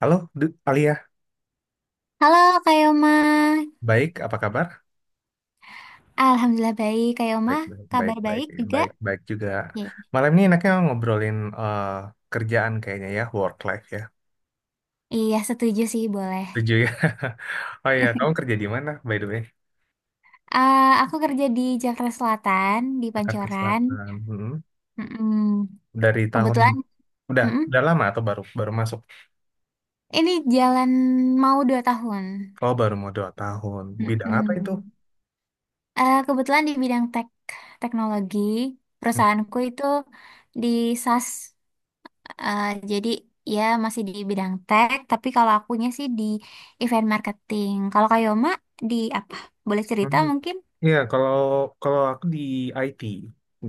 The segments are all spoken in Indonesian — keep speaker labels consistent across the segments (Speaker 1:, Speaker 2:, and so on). Speaker 1: Halo, Alia.
Speaker 2: Halo Kak Yoma,
Speaker 1: Baik, apa kabar?
Speaker 2: Alhamdulillah baik Kak Yoma,
Speaker 1: Baik, baik, baik,
Speaker 2: kabar
Speaker 1: baik,
Speaker 2: baik juga?
Speaker 1: baik, baik juga.
Speaker 2: Iya,
Speaker 1: Malam ini enaknya ngobrolin kerjaan kayaknya ya, work life ya.
Speaker 2: Iya, setuju sih boleh.
Speaker 1: Setuju ya? Oh iya, kamu kerja di mana, by the way?
Speaker 2: Eh, aku kerja di Jakarta Selatan, di
Speaker 1: Jakarta
Speaker 2: Pancoran.
Speaker 1: Selatan. Mm-mm.
Speaker 2: Mm-mm.
Speaker 1: Dari tahun,
Speaker 2: Kebetulan,
Speaker 1: udah,
Speaker 2: mm-mm.
Speaker 1: udah lama atau baru baru masuk?
Speaker 2: Ini jalan mau 2 tahun.
Speaker 1: Oh, baru mau 2 tahun. Bidang apa itu?
Speaker 2: Mm-mm. Kebetulan di bidang teknologi, perusahaanku itu di SaaS. Eh, jadi ya masih di bidang tech, tapi kalau akunya sih di event marketing. Kalau Kayoma di apa? Boleh cerita
Speaker 1: Hmm.
Speaker 2: mungkin?
Speaker 1: Iya, kalau kalau aku di IT,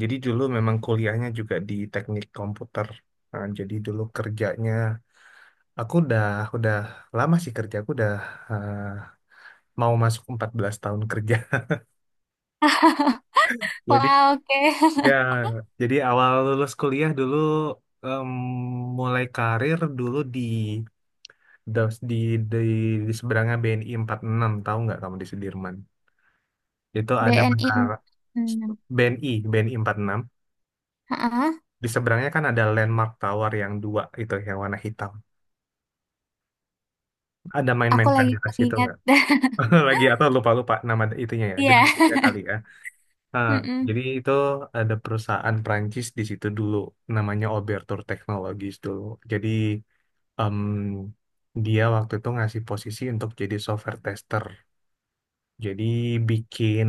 Speaker 1: jadi dulu memang kuliahnya juga di teknik komputer. Nah, jadi dulu Aku udah lama sih kerja, eh, mau masuk 14 tahun kerja. Jadi
Speaker 2: Wow, oke.
Speaker 1: ya, jadi awal lulus kuliah dulu em, mulai karir dulu di di di di, di seberangnya BNI 6, tahu nggak kamu di Sudirman? Itu ada
Speaker 2: BNI
Speaker 1: menara
Speaker 2: 46.
Speaker 1: BNI 6.
Speaker 2: Heeh,
Speaker 1: Di seberangnya kan ada Landmark Tower yang dua itu yang warna hitam. Ada
Speaker 2: aku
Speaker 1: main-main kan
Speaker 2: lagi
Speaker 1: di atas itu
Speaker 2: ingat.
Speaker 1: nggak? Lagi atau lupa-lupa nama itunya ya,
Speaker 2: Iya.
Speaker 1: gedungnya kali ya. Nah,
Speaker 2: Mm-mm.
Speaker 1: jadi itu ada perusahaan Prancis di situ dulu, namanya Obertur Technologies dulu. Jadi em, dia waktu itu ngasih posisi untuk jadi software tester. Jadi bikin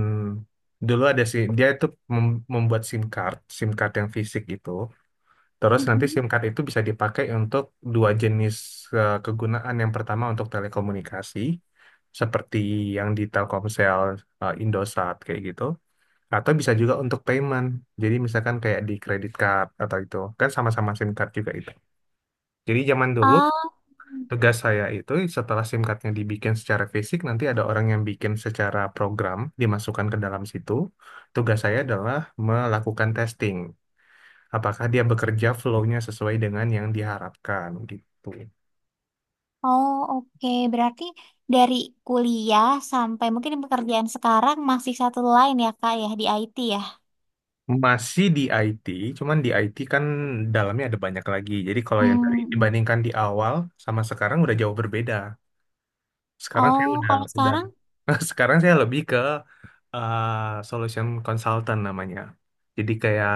Speaker 1: dulu ada sih dia itu membuat SIM card yang fisik gitu. Terus nanti
Speaker 2: Mhm.
Speaker 1: SIM card itu bisa dipakai untuk dua jenis kegunaan. Yang pertama untuk telekomunikasi, seperti yang di Telkomsel, eh, Indosat kayak gitu. Atau bisa juga untuk payment. Jadi misalkan kayak di credit card atau itu. Kan sama-sama SIM card juga itu. Jadi zaman dulu
Speaker 2: Ah,
Speaker 1: tugas saya itu setelah SIM cardnya dibikin secara fisik, nanti ada orang yang bikin secara program, dimasukkan ke dalam situ. Tugas saya adalah melakukan testing. Apakah dia bekerja flow-nya sesuai dengan yang diharapkan gitu.
Speaker 2: oh oke. Berarti dari kuliah sampai mungkin pekerjaan sekarang masih satu line ya Kak ya di IT ya.
Speaker 1: Masih di IT, cuman di IT kan dalamnya ada banyak lagi. Jadi kalau yang dari
Speaker 2: mm
Speaker 1: dibandingkan di awal sama sekarang udah jauh berbeda. Sekarang saya
Speaker 2: Oh,
Speaker 1: udah
Speaker 2: kalau
Speaker 1: udah.
Speaker 2: sekarang?
Speaker 1: Sekarang saya lebih ke solution consultant namanya. Jadi kayak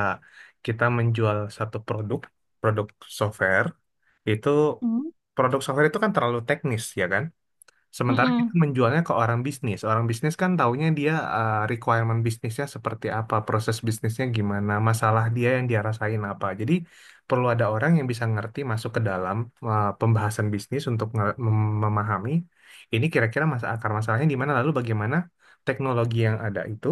Speaker 1: kita menjual satu produk, produk software. Itu
Speaker 2: Hmm.
Speaker 1: produk software itu kan terlalu teknis ya kan? Sementara kita
Speaker 2: Mm-mm.
Speaker 1: menjualnya ke orang bisnis. Orang bisnis kan taunya dia requirement bisnisnya seperti apa, proses bisnisnya gimana, masalah dia yang dia rasain apa. Jadi perlu ada orang yang bisa ngerti masuk ke dalam pembahasan bisnis untuk memahami ini kira-kira masa akar masalahnya di mana, lalu bagaimana teknologi yang ada itu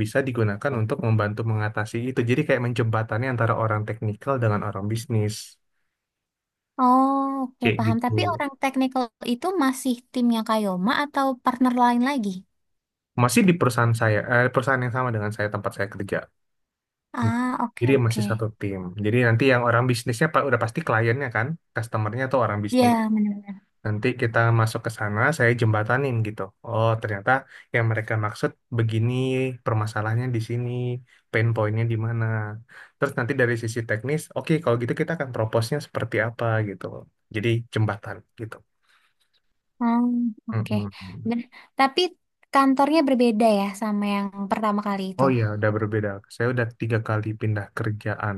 Speaker 1: bisa digunakan untuk membantu mengatasi itu. Jadi kayak menjembatani antara orang teknikal dengan orang bisnis.
Speaker 2: Oh, oke
Speaker 1: Kayak
Speaker 2: paham. Tapi
Speaker 1: gitu.
Speaker 2: orang technical itu masih timnya Kayoma atau partner lain lagi?
Speaker 1: Masih di perusahaan saya, eh, perusahaan yang sama dengan saya tempat saya kerja.
Speaker 2: Ah, oke
Speaker 1: Jadi
Speaker 2: oke.
Speaker 1: masih satu tim. Jadi nanti yang orang bisnisnya udah pasti kliennya kan, customernya tuh orang bisnis.
Speaker 2: Ya, benar-benar.
Speaker 1: Nanti kita masuk ke sana, saya jembatanin gitu. Oh, ternyata yang mereka maksud begini, permasalahannya di sini, pain pointnya di mana. Terus nanti dari sisi teknis, oke kalau gitu kita akan propose-nya seperti apa gitu. Jadi jembatan gitu.
Speaker 2: Hmm, oke.
Speaker 1: Mm-mm.
Speaker 2: Ben- Tapi kantornya berbeda ya sama yang pertama kali itu.
Speaker 1: Oh iya, udah berbeda. Saya udah tiga kali pindah kerjaan.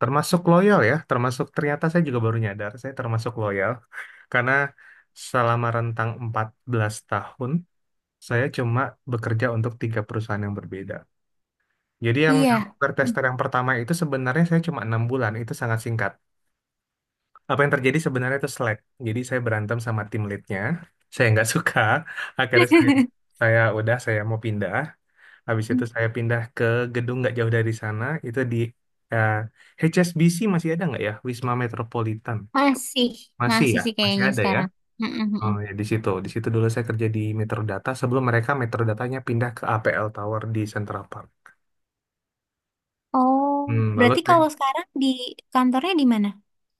Speaker 1: Termasuk loyal ya, termasuk ternyata saya juga baru nyadar, saya termasuk loyal. Karena selama rentang 14 tahun, saya cuma bekerja untuk tiga perusahaan yang berbeda. Jadi yang
Speaker 2: Iya.
Speaker 1: software tester yang pertama itu sebenarnya saya cuma 6 bulan, itu sangat singkat. Apa yang terjadi sebenarnya itu slack. Jadi saya berantem sama tim leadnya, saya nggak suka. Akhirnya saya, saya udah, saya mau pindah. Habis itu saya pindah ke gedung nggak jauh dari sana, itu di eh, HSBC masih ada nggak ya? Wisma Metropolitan.
Speaker 2: Masih,
Speaker 1: Masih
Speaker 2: masih
Speaker 1: ya?
Speaker 2: sih
Speaker 1: Masih
Speaker 2: kayaknya
Speaker 1: ada ya?
Speaker 2: sekarang. Mm, mm, mm.
Speaker 1: Oh ya di situ. Di situ dulu saya kerja di Metrodata sebelum mereka Metrodatanya pindah ke APL Tower di Central Park.
Speaker 2: Oh,
Speaker 1: Hmm, lalu
Speaker 2: berarti kalau sekarang di kantornya di mana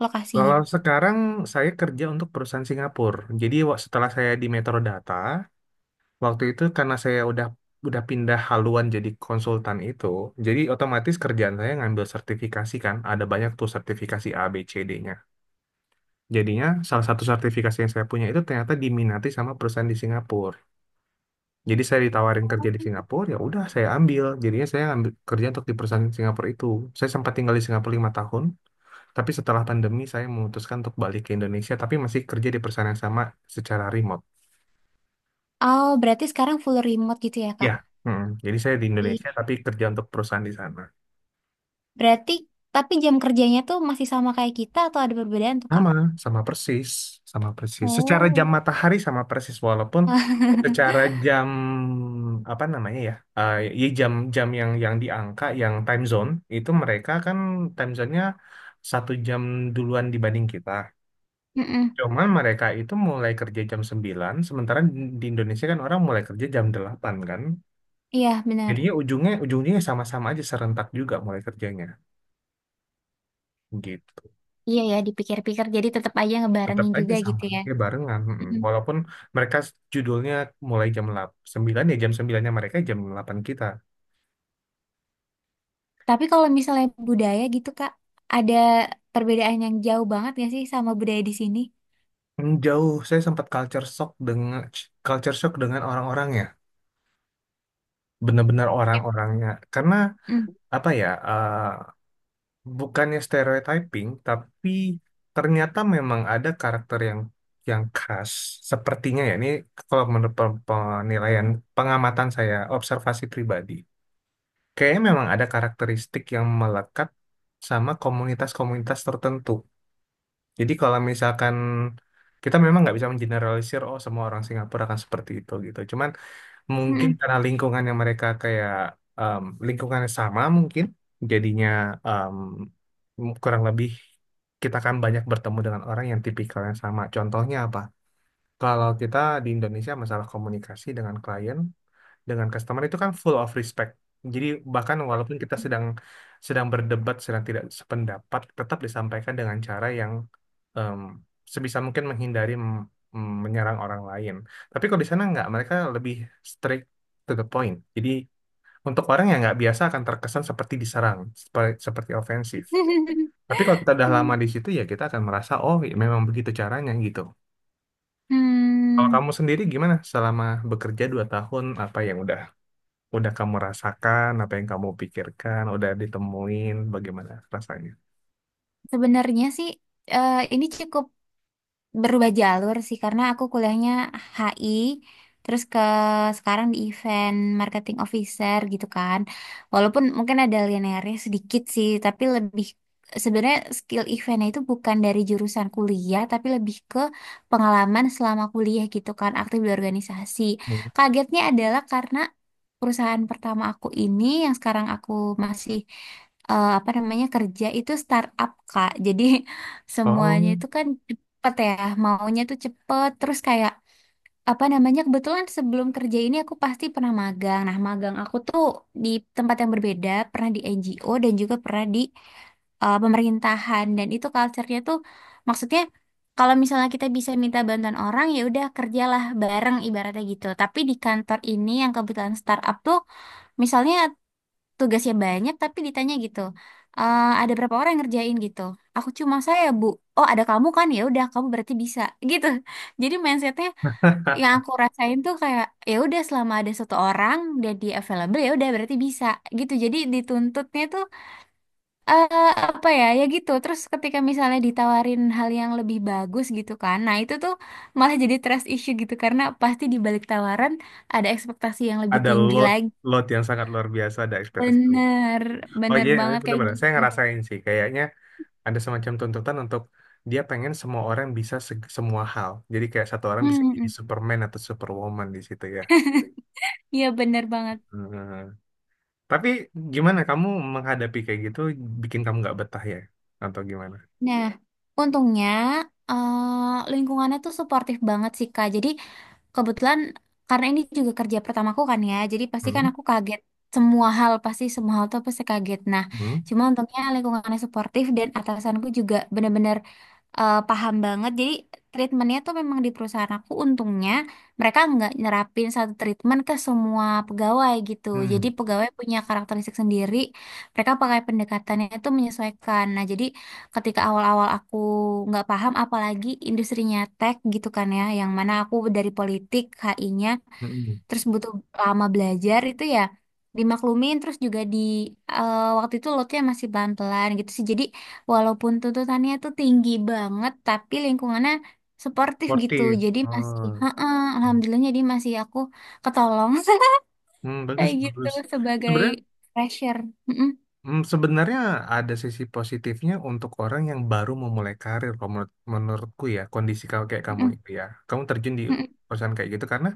Speaker 2: lokasinya?
Speaker 1: kalau sekarang saya kerja untuk perusahaan Singapura. Jadi setelah saya di Metrodata, waktu itu karena saya udah pindah haluan jadi konsultan itu, jadi otomatis kerjaan saya ngambil sertifikasi kan, ada banyak tuh sertifikasi A, B, C, D-nya. Jadinya salah satu sertifikasi yang saya punya itu ternyata diminati sama perusahaan di Singapura. Jadi saya ditawarin kerja di Singapura, ya udah saya ambil. Jadinya saya ambil kerja untuk di perusahaan Singapura itu. Saya sempat tinggal di Singapura 5 tahun, tapi setelah pandemi saya memutuskan untuk balik ke Indonesia, tapi masih kerja di perusahaan yang sama secara remote.
Speaker 2: Oh, berarti sekarang full remote gitu ya,
Speaker 1: Ya,
Speaker 2: Kak?
Speaker 1: jadi saya di Indonesia tapi kerja untuk perusahaan di sana.
Speaker 2: Berarti, tapi jam kerjanya tuh masih sama kayak kita atau ada perbedaan tuh, Kak?
Speaker 1: Sama, sama persis, sama persis. Secara jam
Speaker 2: Oh.
Speaker 1: matahari sama persis, walaupun secara jam apa namanya ya, ya jam jam yang di angka, yang time zone itu mereka kan time zone-nya 1 jam duluan dibanding kita.
Speaker 2: Mm-mm.
Speaker 1: Cuman mereka itu mulai kerja jam 9 sementara di Indonesia kan orang mulai kerja jam 8 kan.
Speaker 2: Iya, benar.
Speaker 1: Jadinya ujungnya ujungnya sama-sama aja serentak juga mulai kerjanya gitu.
Speaker 2: Iya ya, dipikir-pikir jadi tetap aja
Speaker 1: Tetap
Speaker 2: ngebarengin
Speaker 1: aja
Speaker 2: juga
Speaker 1: sama
Speaker 2: gitu ya.
Speaker 1: ya barengan
Speaker 2: Mm-mm.
Speaker 1: walaupun mereka judulnya mulai jam 9 ya jam 9-nya mereka jam 8 kita.
Speaker 2: Tapi kalau misalnya budaya gitu, Kak, ada perbedaan yang jauh banget gak sih sama budaya di sini?
Speaker 1: Jauh saya sempat culture shock dengan orang-orangnya benar-benar
Speaker 2: Ya.
Speaker 1: orang-orangnya karena
Speaker 2: Mm.
Speaker 1: apa ya bukannya stereotyping tapi ternyata memang ada karakter yang khas sepertinya ya ini kalau menurut penilaian pengamatan saya observasi pribadi. Kayaknya memang ada karakteristik yang melekat sama komunitas-komunitas tertentu. Jadi kalau misalkan kita memang nggak bisa mengeneralisir, oh semua orang Singapura akan seperti itu gitu. Cuman mungkin
Speaker 2: Mm-mm.
Speaker 1: karena lingkungan yang mereka kayak lingkungannya sama mungkin jadinya kurang lebih kita akan banyak bertemu dengan orang yang tipikalnya sama. Contohnya apa? Kalau kita di Indonesia masalah komunikasi dengan klien dengan customer itu kan full of respect. Jadi bahkan walaupun kita sedang sedang berdebat, sedang tidak sependapat, tetap disampaikan dengan cara yang em, sebisa mungkin menghindari menyerang orang lain. Tapi kalau di sana nggak, mereka lebih strict to the point. Jadi untuk orang yang nggak biasa akan terkesan seperti diserang, seperti ofensif. Tapi kalau kita udah lama di situ ya kita akan merasa oh ya memang begitu caranya gitu. Kalau
Speaker 2: Hmm,
Speaker 1: kamu sendiri gimana selama bekerja 2 tahun apa yang udah kamu rasakan, apa yang kamu pikirkan, udah ditemuin, bagaimana rasanya?
Speaker 2: sebenarnya sih ini cukup berubah jalur sih karena aku kuliahnya HI terus ke sekarang di event marketing officer gitu kan, walaupun mungkin ada linearnya sedikit sih, tapi lebih, sebenarnya skill eventnya itu bukan dari jurusan kuliah tapi lebih ke pengalaman selama kuliah gitu kan, aktif di organisasi.
Speaker 1: Hmm.
Speaker 2: Kagetnya adalah karena perusahaan pertama aku ini yang sekarang aku masih apa namanya, kerja itu startup Kak. Jadi semuanya
Speaker 1: Oh,
Speaker 2: itu kan cepet ya, maunya tuh cepet terus kayak apa namanya, kebetulan sebelum kerja ini aku pasti pernah magang. Nah, magang aku tuh di tempat yang berbeda, pernah di NGO dan juga pernah di pemerintahan, dan itu culture-nya tuh maksudnya kalau misalnya kita bisa minta bantuan orang ya udah kerjalah bareng ibaratnya gitu. Tapi di kantor ini yang kebetulan startup tuh, misalnya tugasnya banyak tapi ditanya gitu, Ada berapa orang yang ngerjain gitu, aku cuma saya bu, oh ada kamu kan ya udah kamu berarti bisa gitu." Jadi mindsetnya yang aku rasain tuh kayak ya udah, selama ada satu orang dan dia available ya udah berarti bisa gitu. Jadi dituntutnya tuh apa ya, ya gitu. Terus ketika misalnya ditawarin hal yang lebih bagus gitu kan, nah itu tuh malah jadi trust issue gitu, karena pasti di balik tawaran ada ekspektasi yang lebih
Speaker 1: ada
Speaker 2: tinggi
Speaker 1: load
Speaker 2: lagi.
Speaker 1: load yang sangat luar biasa ada ekspektasi dulu.
Speaker 2: Bener,
Speaker 1: Oh
Speaker 2: bener
Speaker 1: iya,
Speaker 2: banget kayak
Speaker 1: benar-benar. Saya
Speaker 2: gitu.
Speaker 1: ngerasain sih, kayaknya ada semacam tuntutan untuk dia pengen semua orang bisa semua hal. Jadi kayak satu orang
Speaker 2: Hmm,
Speaker 1: bisa
Speaker 2: hmm,
Speaker 1: jadi
Speaker 2: hmm.
Speaker 1: Superman atau Superwoman di situ ya.
Speaker 2: Iya bener banget.
Speaker 1: Hmm. Tapi gimana kamu menghadapi kayak gitu, bikin kamu nggak betah ya? Atau gimana?
Speaker 2: Nah, untungnya lingkungannya tuh suportif banget sih Kak. Jadi kebetulan karena ini juga kerja pertamaku kan ya, jadi pasti kan
Speaker 1: Hmm?
Speaker 2: aku kaget semua hal, pasti semua hal tuh pasti kaget. Nah,
Speaker 1: Hmm?
Speaker 2: cuma untungnya lingkungannya suportif dan atasanku juga benar-benar paham banget. Jadi treatmentnya tuh memang di perusahaan aku untungnya mereka nggak nyerapin satu treatment ke semua pegawai gitu. Jadi
Speaker 1: Hmm?
Speaker 2: pegawai punya karakteristik sendiri. Mereka pakai pendekatannya itu menyesuaikan. Nah, jadi ketika awal-awal aku nggak paham apalagi industrinya tech gitu kan ya, yang mana aku dari politik HI-nya,
Speaker 1: Hmm?
Speaker 2: terus butuh lama belajar itu ya, dimaklumin. Terus juga di waktu itu lotnya masih pelan-pelan gitu sih, jadi walaupun tuntutannya itu tinggi banget tapi lingkungannya suportif gitu,
Speaker 1: Sportif.
Speaker 2: jadi masih
Speaker 1: Oh.
Speaker 2: heeh alhamdulillahnya jadi masih aku ketolong
Speaker 1: Hmm,
Speaker 2: kayak
Speaker 1: bagus,
Speaker 2: gitu
Speaker 1: bagus.
Speaker 2: sebagai
Speaker 1: Sebenarnya,
Speaker 2: pressure. Mm -mm,
Speaker 1: sebenarnya, ada sisi positifnya untuk orang yang baru memulai karir, kalau menurutku ya, kondisi kalau kayak
Speaker 2: mm
Speaker 1: kamu
Speaker 2: -mm,
Speaker 1: itu ya. Kamu terjun di
Speaker 2: mm -mm.
Speaker 1: perusahaan kayak gitu karena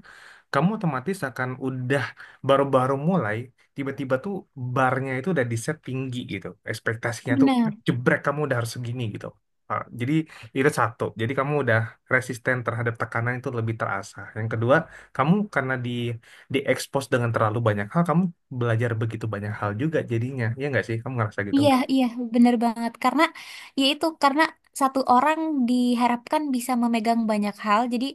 Speaker 1: kamu otomatis akan udah baru-baru mulai tiba-tiba tuh barnya itu udah di set tinggi gitu ekspektasinya tuh
Speaker 2: Benar.
Speaker 1: jebrek kamu udah harus segini gitu. Ah, jadi itu satu jadi kamu udah resisten terhadap tekanan itu lebih terasa yang kedua kamu karena diekspos dengan terlalu banyak hal kamu belajar begitu banyak hal juga jadinya ya nggak sih kamu ngerasa gitu.
Speaker 2: Iya, iya, bener banget. Yaitu karena satu orang diharapkan bisa memegang banyak hal. Jadi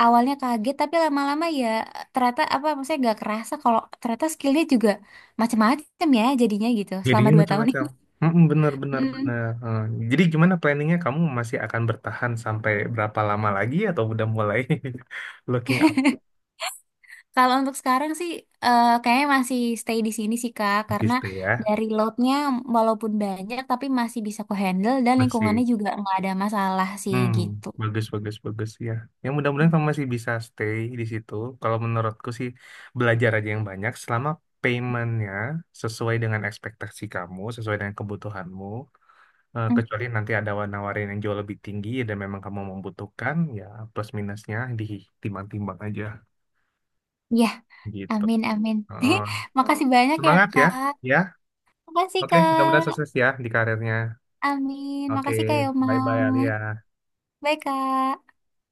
Speaker 2: awalnya kaget, tapi lama-lama ya ternyata apa, maksudnya gak kerasa kalau ternyata skillnya juga macam-macam ya jadinya gitu, selama
Speaker 1: Jadinya
Speaker 2: 2 tahun
Speaker 1: macam-macam.
Speaker 2: ini.
Speaker 1: Mm-mm, bener, bener,
Speaker 2: Mm.
Speaker 1: bener. Eh, jadi gimana planningnya? Kamu masih akan bertahan sampai berapa lama lagi atau udah mulai looking up
Speaker 2: Kalau untuk sekarang sih, kayaknya masih stay di sini sih Kak,
Speaker 1: masih
Speaker 2: karena
Speaker 1: stay ya?
Speaker 2: dari loadnya walaupun banyak, tapi masih bisa ku handle dan lingkungannya
Speaker 1: Masih.
Speaker 2: juga nggak ada masalah sih
Speaker 1: Hmm,
Speaker 2: gitu.
Speaker 1: bagus, bagus, bagus ya. Ya mudah-mudahan kamu masih bisa stay di situ. Kalau menurutku sih belajar aja yang banyak. Selama paymentnya sesuai dengan ekspektasi kamu, sesuai dengan kebutuhanmu. Eh,
Speaker 2: Mm.
Speaker 1: kecuali nanti ada nawarin yang jauh lebih tinggi dan memang kamu membutuhkan, ya plus minusnya ditimbang-timbang aja.
Speaker 2: Iya.
Speaker 1: Gitu.
Speaker 2: Amin, amin.
Speaker 1: Heeh.
Speaker 2: Makasih banyak ya,
Speaker 1: Semangat ya.
Speaker 2: Kak.
Speaker 1: Ya.
Speaker 2: Makasih,
Speaker 1: Oke, mudah-mudahan sukses
Speaker 2: Kak.
Speaker 1: ya di karirnya.
Speaker 2: Amin.
Speaker 1: Oke,
Speaker 2: Makasih, Kak Yoma.
Speaker 1: bye-bye Alia.
Speaker 2: Bye, Kak.